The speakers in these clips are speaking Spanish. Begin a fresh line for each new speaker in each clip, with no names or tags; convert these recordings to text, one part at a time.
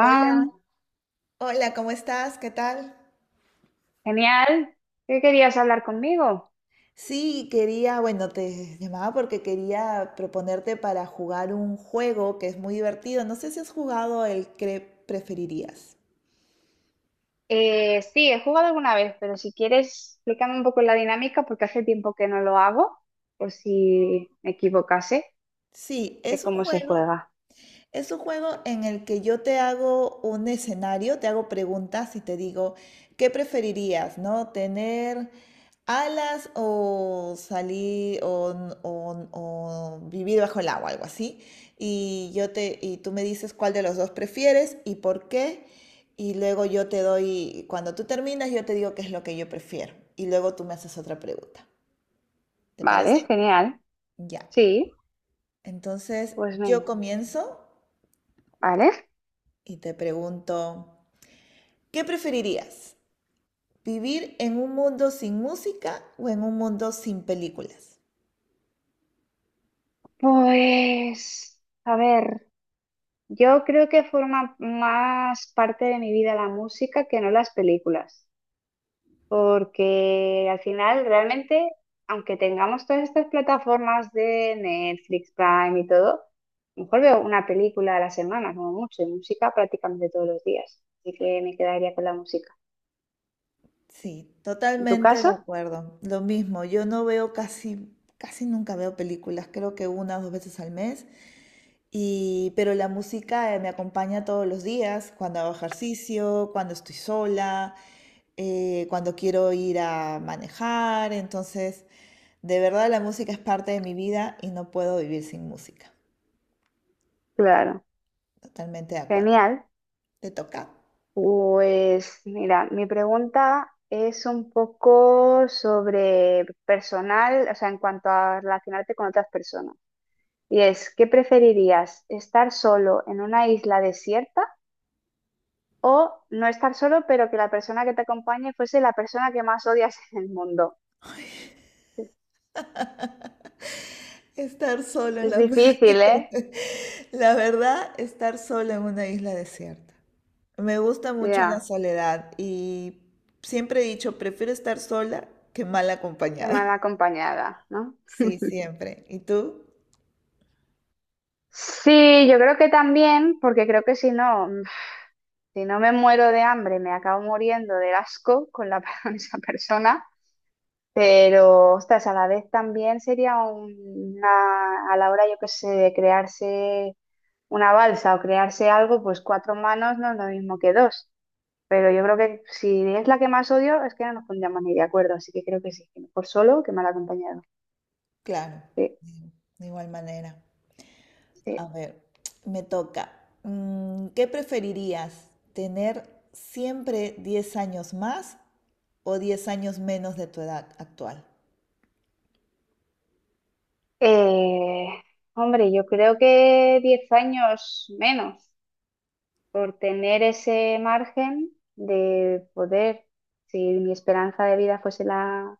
Hola, hola, ¿cómo estás? ¿Qué tal?
genial. ¿Qué querías hablar conmigo?
Sí, quería, bueno, te llamaba porque quería proponerte para jugar un juego que es muy divertido. No sé si has jugado el que preferirías.
Sí, he jugado alguna vez, pero si quieres, explícame un poco la dinámica porque hace tiempo que no lo hago, por si me equivocase
Sí,
de
es un
cómo se
juego.
juega.
Es un juego en el que yo te hago un escenario, te hago preguntas y te digo, ¿qué preferirías, no? ¿Tener alas o salir o vivir bajo el agua, algo así? Y yo te y tú me dices cuál de los dos prefieres y por qué. Y luego yo te doy, cuando tú terminas, yo te digo qué es lo que yo prefiero. Y luego tú me haces otra pregunta. ¿Te
Vale,
parece?
genial.
Ya.
Sí,
Entonces,
pues
yo
venga.
comienzo
Vale.
y te pregunto, ¿qué preferirías? ¿Vivir en un mundo sin música o en un mundo sin películas?
Pues, a ver, yo creo que forma más parte de mi vida la música que no las películas. Porque al final, realmente, aunque tengamos todas estas plataformas de Netflix, Prime y todo, a lo mejor veo una película a la semana, como mucho, y música prácticamente todos los días. Así que me quedaría con la música.
Sí,
¿En tu
totalmente de
caso?
acuerdo. Lo mismo, yo no veo casi nunca veo películas, creo que una o dos veces al mes. Y, pero la música me acompaña todos los días, cuando hago ejercicio, cuando estoy sola, cuando quiero ir a manejar. Entonces, de verdad la música es parte de mi vida y no puedo vivir sin música.
Claro.
Totalmente de acuerdo.
Genial.
¿Te toca?
Pues mira, mi pregunta es un poco sobre personal, o sea, en cuanto a relacionarte con otras personas. Y es, ¿qué preferirías? ¿Estar solo en una isla desierta? O no estar solo, pero que la persona que te acompañe fuese la persona que más odias en el mundo.
Estar solo en
Es
la...
difícil, ¿eh?
La verdad, estar solo en una isla desierta. Me gusta mucho la
Ya,
soledad y siempre he dicho, prefiero estar sola que mal
qué mal
acompañada.
acompañada, ¿no?
Sí, siempre. ¿Y tú?
Sí, yo creo que también, porque creo que si no me muero de hambre, me acabo muriendo del asco con la, con esa persona. Pero, ostras, a la vez también sería a la hora, yo qué sé, de crearse una balsa o crearse algo, pues cuatro manos no es lo mismo que dos. Pero yo creo que si es la que más odio, es que no nos pondríamos ni de acuerdo. Así que creo que sí, que mejor solo que mal acompañado.
Claro,
Sí,
de de igual manera.
sí.
A ver, me toca. ¿Qué preferirías? ¿Tener siempre 10 años más o 10 años menos de tu edad actual?
Eh, Hombre, yo creo que 10 años menos por tener ese margen de poder, si mi esperanza de vida fuese la,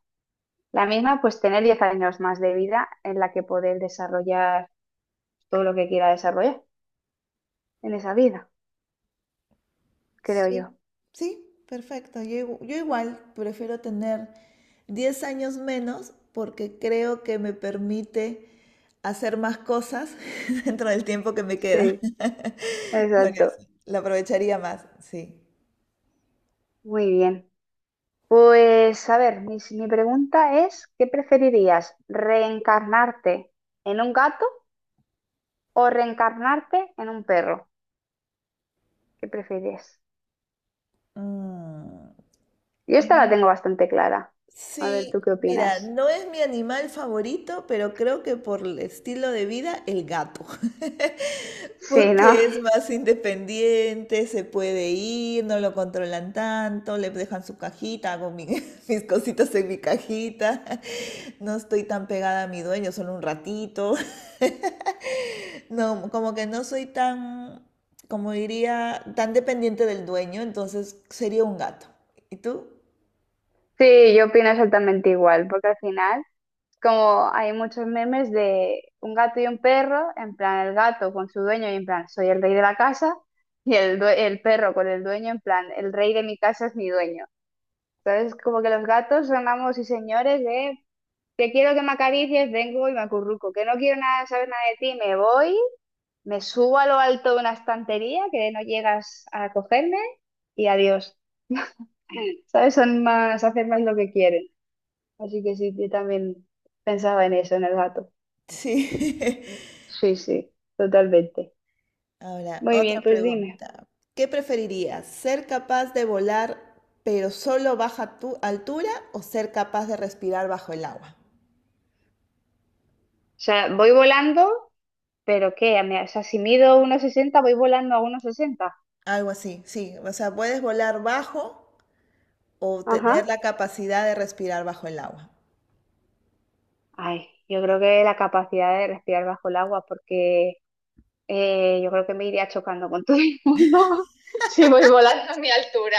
la misma, pues tener 10 años más de vida en la que poder desarrollar todo lo que quiera desarrollar en esa vida, creo yo.
Sí, sí, perfecto. Yo igual prefiero tener 10 años menos porque creo que me permite hacer más cosas dentro del tiempo que me queda.
Sí,
Por
exacto.
eso, lo aprovecharía más, sí.
Muy bien. Pues a ver, mi pregunta es, ¿qué preferirías? ¿Reencarnarte en un gato o reencarnarte en un perro? ¿Qué prefieres?
Mm,
Yo esta la
mm,
tengo bastante clara. A ver, ¿tú
sí,
qué
mira,
opinas?
no es mi animal favorito, pero creo que por el estilo de vida, el gato.
Sí, ¿no?
Porque es más independiente, se puede ir, no lo controlan tanto, le dejan su cajita, mis cositas en mi cajita, no estoy tan pegada a mi dueño, solo un ratito, no, como que no soy tan, como diría, tan dependiente del dueño, entonces sería un gato. ¿Y tú?
Sí, yo opino exactamente igual, porque al final, como hay muchos memes de un gato y un perro, en plan el gato con su dueño y en plan soy el rey de la casa, y el perro con el dueño en plan el rey de mi casa es mi dueño. ¿Sabes? Como que los gatos son amos y señores de que quiero que me acaricies, vengo y me acurruco, que no quiero nada, saber nada de ti, me voy, me subo a lo alto de una estantería que no llegas a cogerme y adiós. ¿Sabes? Son más, hacen más lo que quieren. Así que sí, yo también pensaba en eso, en el gato.
Sí.
Sí, sí, totalmente.
Ahora,
Muy
otra
bien, pues dime.
pregunta. ¿Qué preferirías? ¿Ser capaz de volar pero solo baja tu altura o ser capaz de respirar bajo el agua?
O sea, voy volando, pero ¿qué? O sea, si mido 1,60 voy volando a 1,60.
Algo así, sí. O sea, puedes volar bajo o tener
Ajá.
la capacidad de respirar bajo el agua.
Ay, yo creo que la capacidad de respirar bajo el agua, porque yo creo que me iría chocando con todo el mundo. Si voy volando a mi altura.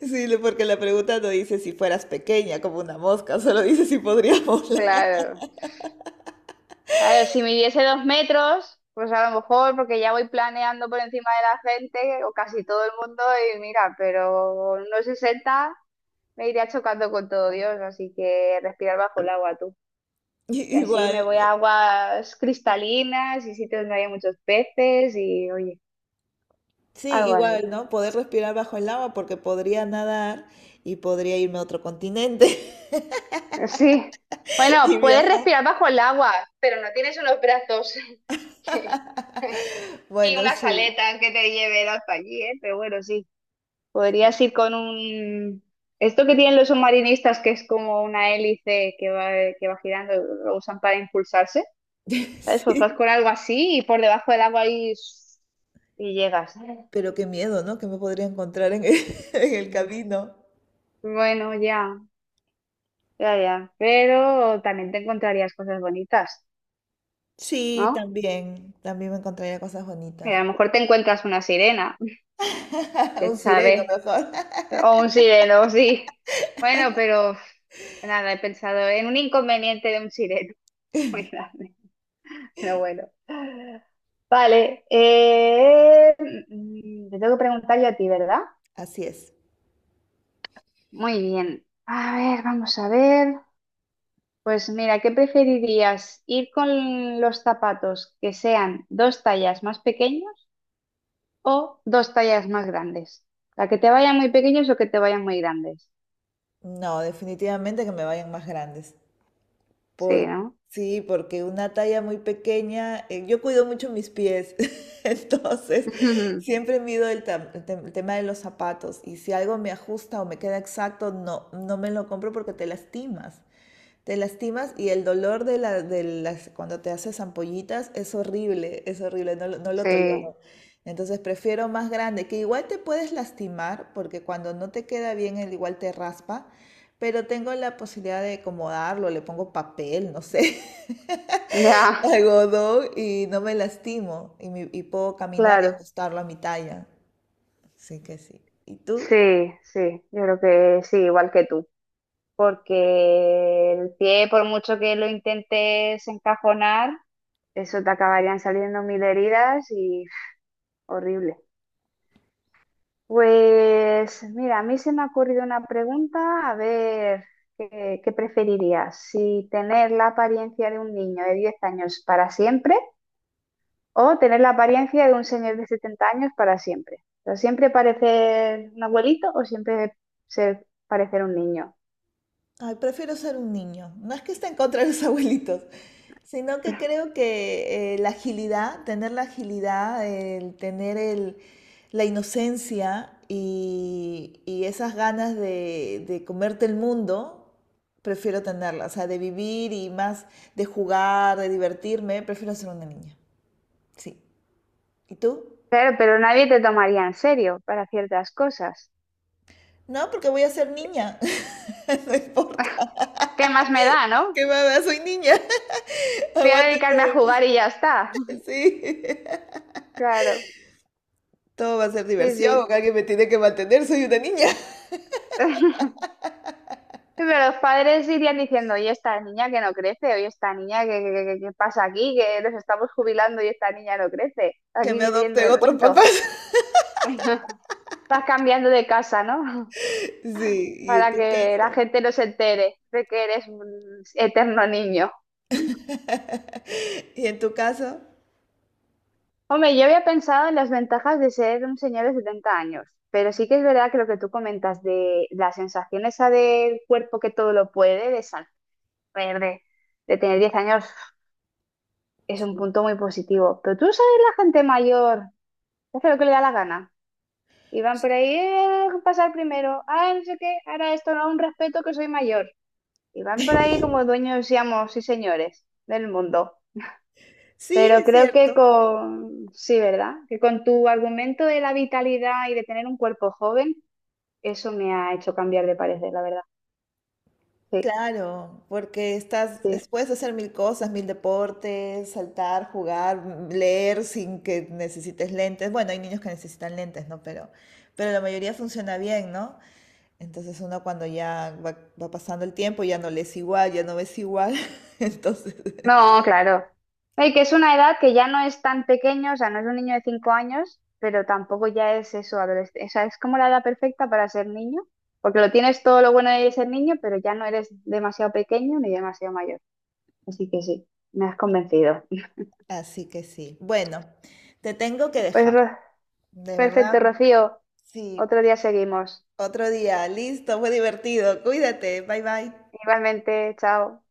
Porque la pregunta no dice si fueras pequeña como una mosca, solo dice si podrías volar.
Claro. A ver, si midiese 2 metros, pues a lo mejor, porque ya voy planeando por encima de la gente, o casi todo el mundo, y mira, pero unos 60 me iría chocando con todo Dios, así que respirar bajo el agua tú. Y así
Igual.
me voy a aguas cristalinas y sitios donde hay muchos peces y, oye,
Sí,
algo así.
igual, ¿no? Poder respirar bajo el agua porque podría nadar y podría irme a otro continente
Sí.
y
Bueno, puedes
viajar.
respirar bajo el agua, pero no tienes unos brazos y
Bueno,
unas
sí.
aletas que te lleven hasta allí, ¿eh? Pero bueno, sí. Podrías ir con un. Esto que tienen los submarinistas, que es como una hélice que va girando, lo usan para impulsarse. ¿Sabes? Pues vas
Sí,
con algo así y por debajo del agua ahí y llegas.
pero qué miedo, ¿no? Que me podría encontrar en el camino.
Bueno, ya, ya, ya. Pero también te encontrarías cosas bonitas,
Sí,
¿no?
también. También me encontraría cosas
Y
bonitas.
a lo mejor te encuentras una sirena.
Un
¿Quién
sireno
sabe?
mejor.
O un sireno, sí. Bueno, pero nada, he pensado en un inconveniente de un sireno muy grande. Pero bueno. Vale. Te tengo que preguntar yo a ti, ¿verdad?
Así es.
Muy bien. A ver, vamos a ver. Pues mira, ¿qué preferirías? ¿Ir con los zapatos que sean dos tallas más pequeños o dos tallas más grandes? ¿La que te vayan muy pequeños o que te vayan muy grandes?
No, definitivamente que me vayan más grandes.
Sí,
Por,
¿no?
sí, porque una talla muy pequeña, yo cuido mucho mis pies, entonces siempre mido el tema de los zapatos y si algo me ajusta o me queda exacto, no me lo compro porque te lastimas. Te lastimas y el de las, cuando te haces ampollitas es horrible, no lo
Sí,
tolero. Entonces prefiero más grande, que igual te puedes lastimar, porque cuando no te queda bien, el igual te raspa, pero tengo la posibilidad de acomodarlo, le pongo papel, no sé,
ya,
algodón y no me lastimo y, me- y puedo caminar y
claro,
ajustarlo a mi talla. Así que sí. ¿Y tú?
sí, sí, yo creo que sí, igual que tú, porque el pie, por mucho que lo intentes encajonar, eso te acabarían saliendo mil heridas y horrible. Pues mira, a mí se me ha ocurrido una pregunta, a ver, ¿qué preferirías? ¿Si tener la apariencia de un niño de 10 años para siempre? O tener la apariencia de un señor de 70 años para siempre. O sea, siempre parecer un abuelito o siempre parecer un niño.
Ay, prefiero ser un niño. No es que esté en contra de los abuelitos, sino que creo que tener la agilidad, la inocencia y esas ganas de comerte el mundo, prefiero tenerla. O sea, de vivir y más de jugar, de divertirme, prefiero ser una niña. Sí. ¿Y tú?
Claro, pero nadie te tomaría en serio para ciertas cosas.
No, porque voy a ser niña. No importa.
¿Qué más me da, no?
¿Qué mamá? Soy niña.
Voy a dedicarme a
Aguántenme.
jugar y ya está.
Sí.
Claro,
Todo va a ser
sí,
diversión,
sí.
alguien me tiene que mantener, soy una niña.
Pero los padres irían diciendo, oye, esta niña que no crece, oye, esta niña que pasa aquí, que nos estamos jubilando y esta niña no crece,
Que
aquí
me
viviendo
adopten
del
otros
cuento.
papás.
Vas cambiando de casa, ¿no?
Sí, y en
Para
tu
que la
caso.
gente no se entere de que eres un eterno niño.
Y en tu caso.
Hombre, yo había pensado en las ventajas de ser un señor de 70 años, pero sí que es verdad que lo que tú comentas de la sensación esa del cuerpo que todo lo puede, de saber, de, de tener 10 años, es un
Sí.
punto muy positivo. Pero tú sabes, la gente mayor que hace lo que le da la gana. Y van por ahí, pasar primero, ah, no sé qué, ahora esto no, un respeto que soy mayor." Y van por ahí como dueños, seamos, y señores, del mundo.
Sí,
Pero
es
creo que
cierto.
sí, ¿verdad? Que con tu argumento de la vitalidad y de tener un cuerpo joven, eso me ha hecho cambiar de parecer, la verdad. Sí,
Claro, porque
sí.
puedes hacer mil cosas, mil deportes, saltar, jugar, leer sin que necesites lentes. Bueno, hay niños que necesitan lentes, ¿no? Pero la mayoría funciona bien, ¿no? Entonces uno cuando va pasando el tiempo ya no lees igual, ya no ves igual. Entonces
No, claro. No, y que es una edad que ya no es tan pequeño, o sea, no es un niño de 5 años, pero tampoco ya es eso, adolescente. O sea, es como la edad perfecta para ser niño, porque lo tienes todo lo bueno de ser niño, pero ya no eres demasiado pequeño ni demasiado mayor. Así que sí, me has convencido.
así que sí. Bueno, te tengo que
Pues
dejar. De
Perfecto,
verdad,
Rocío.
sí.
Otro día seguimos.
Otro día. Listo, fue divertido. Cuídate. Bye bye.
Igualmente, chao.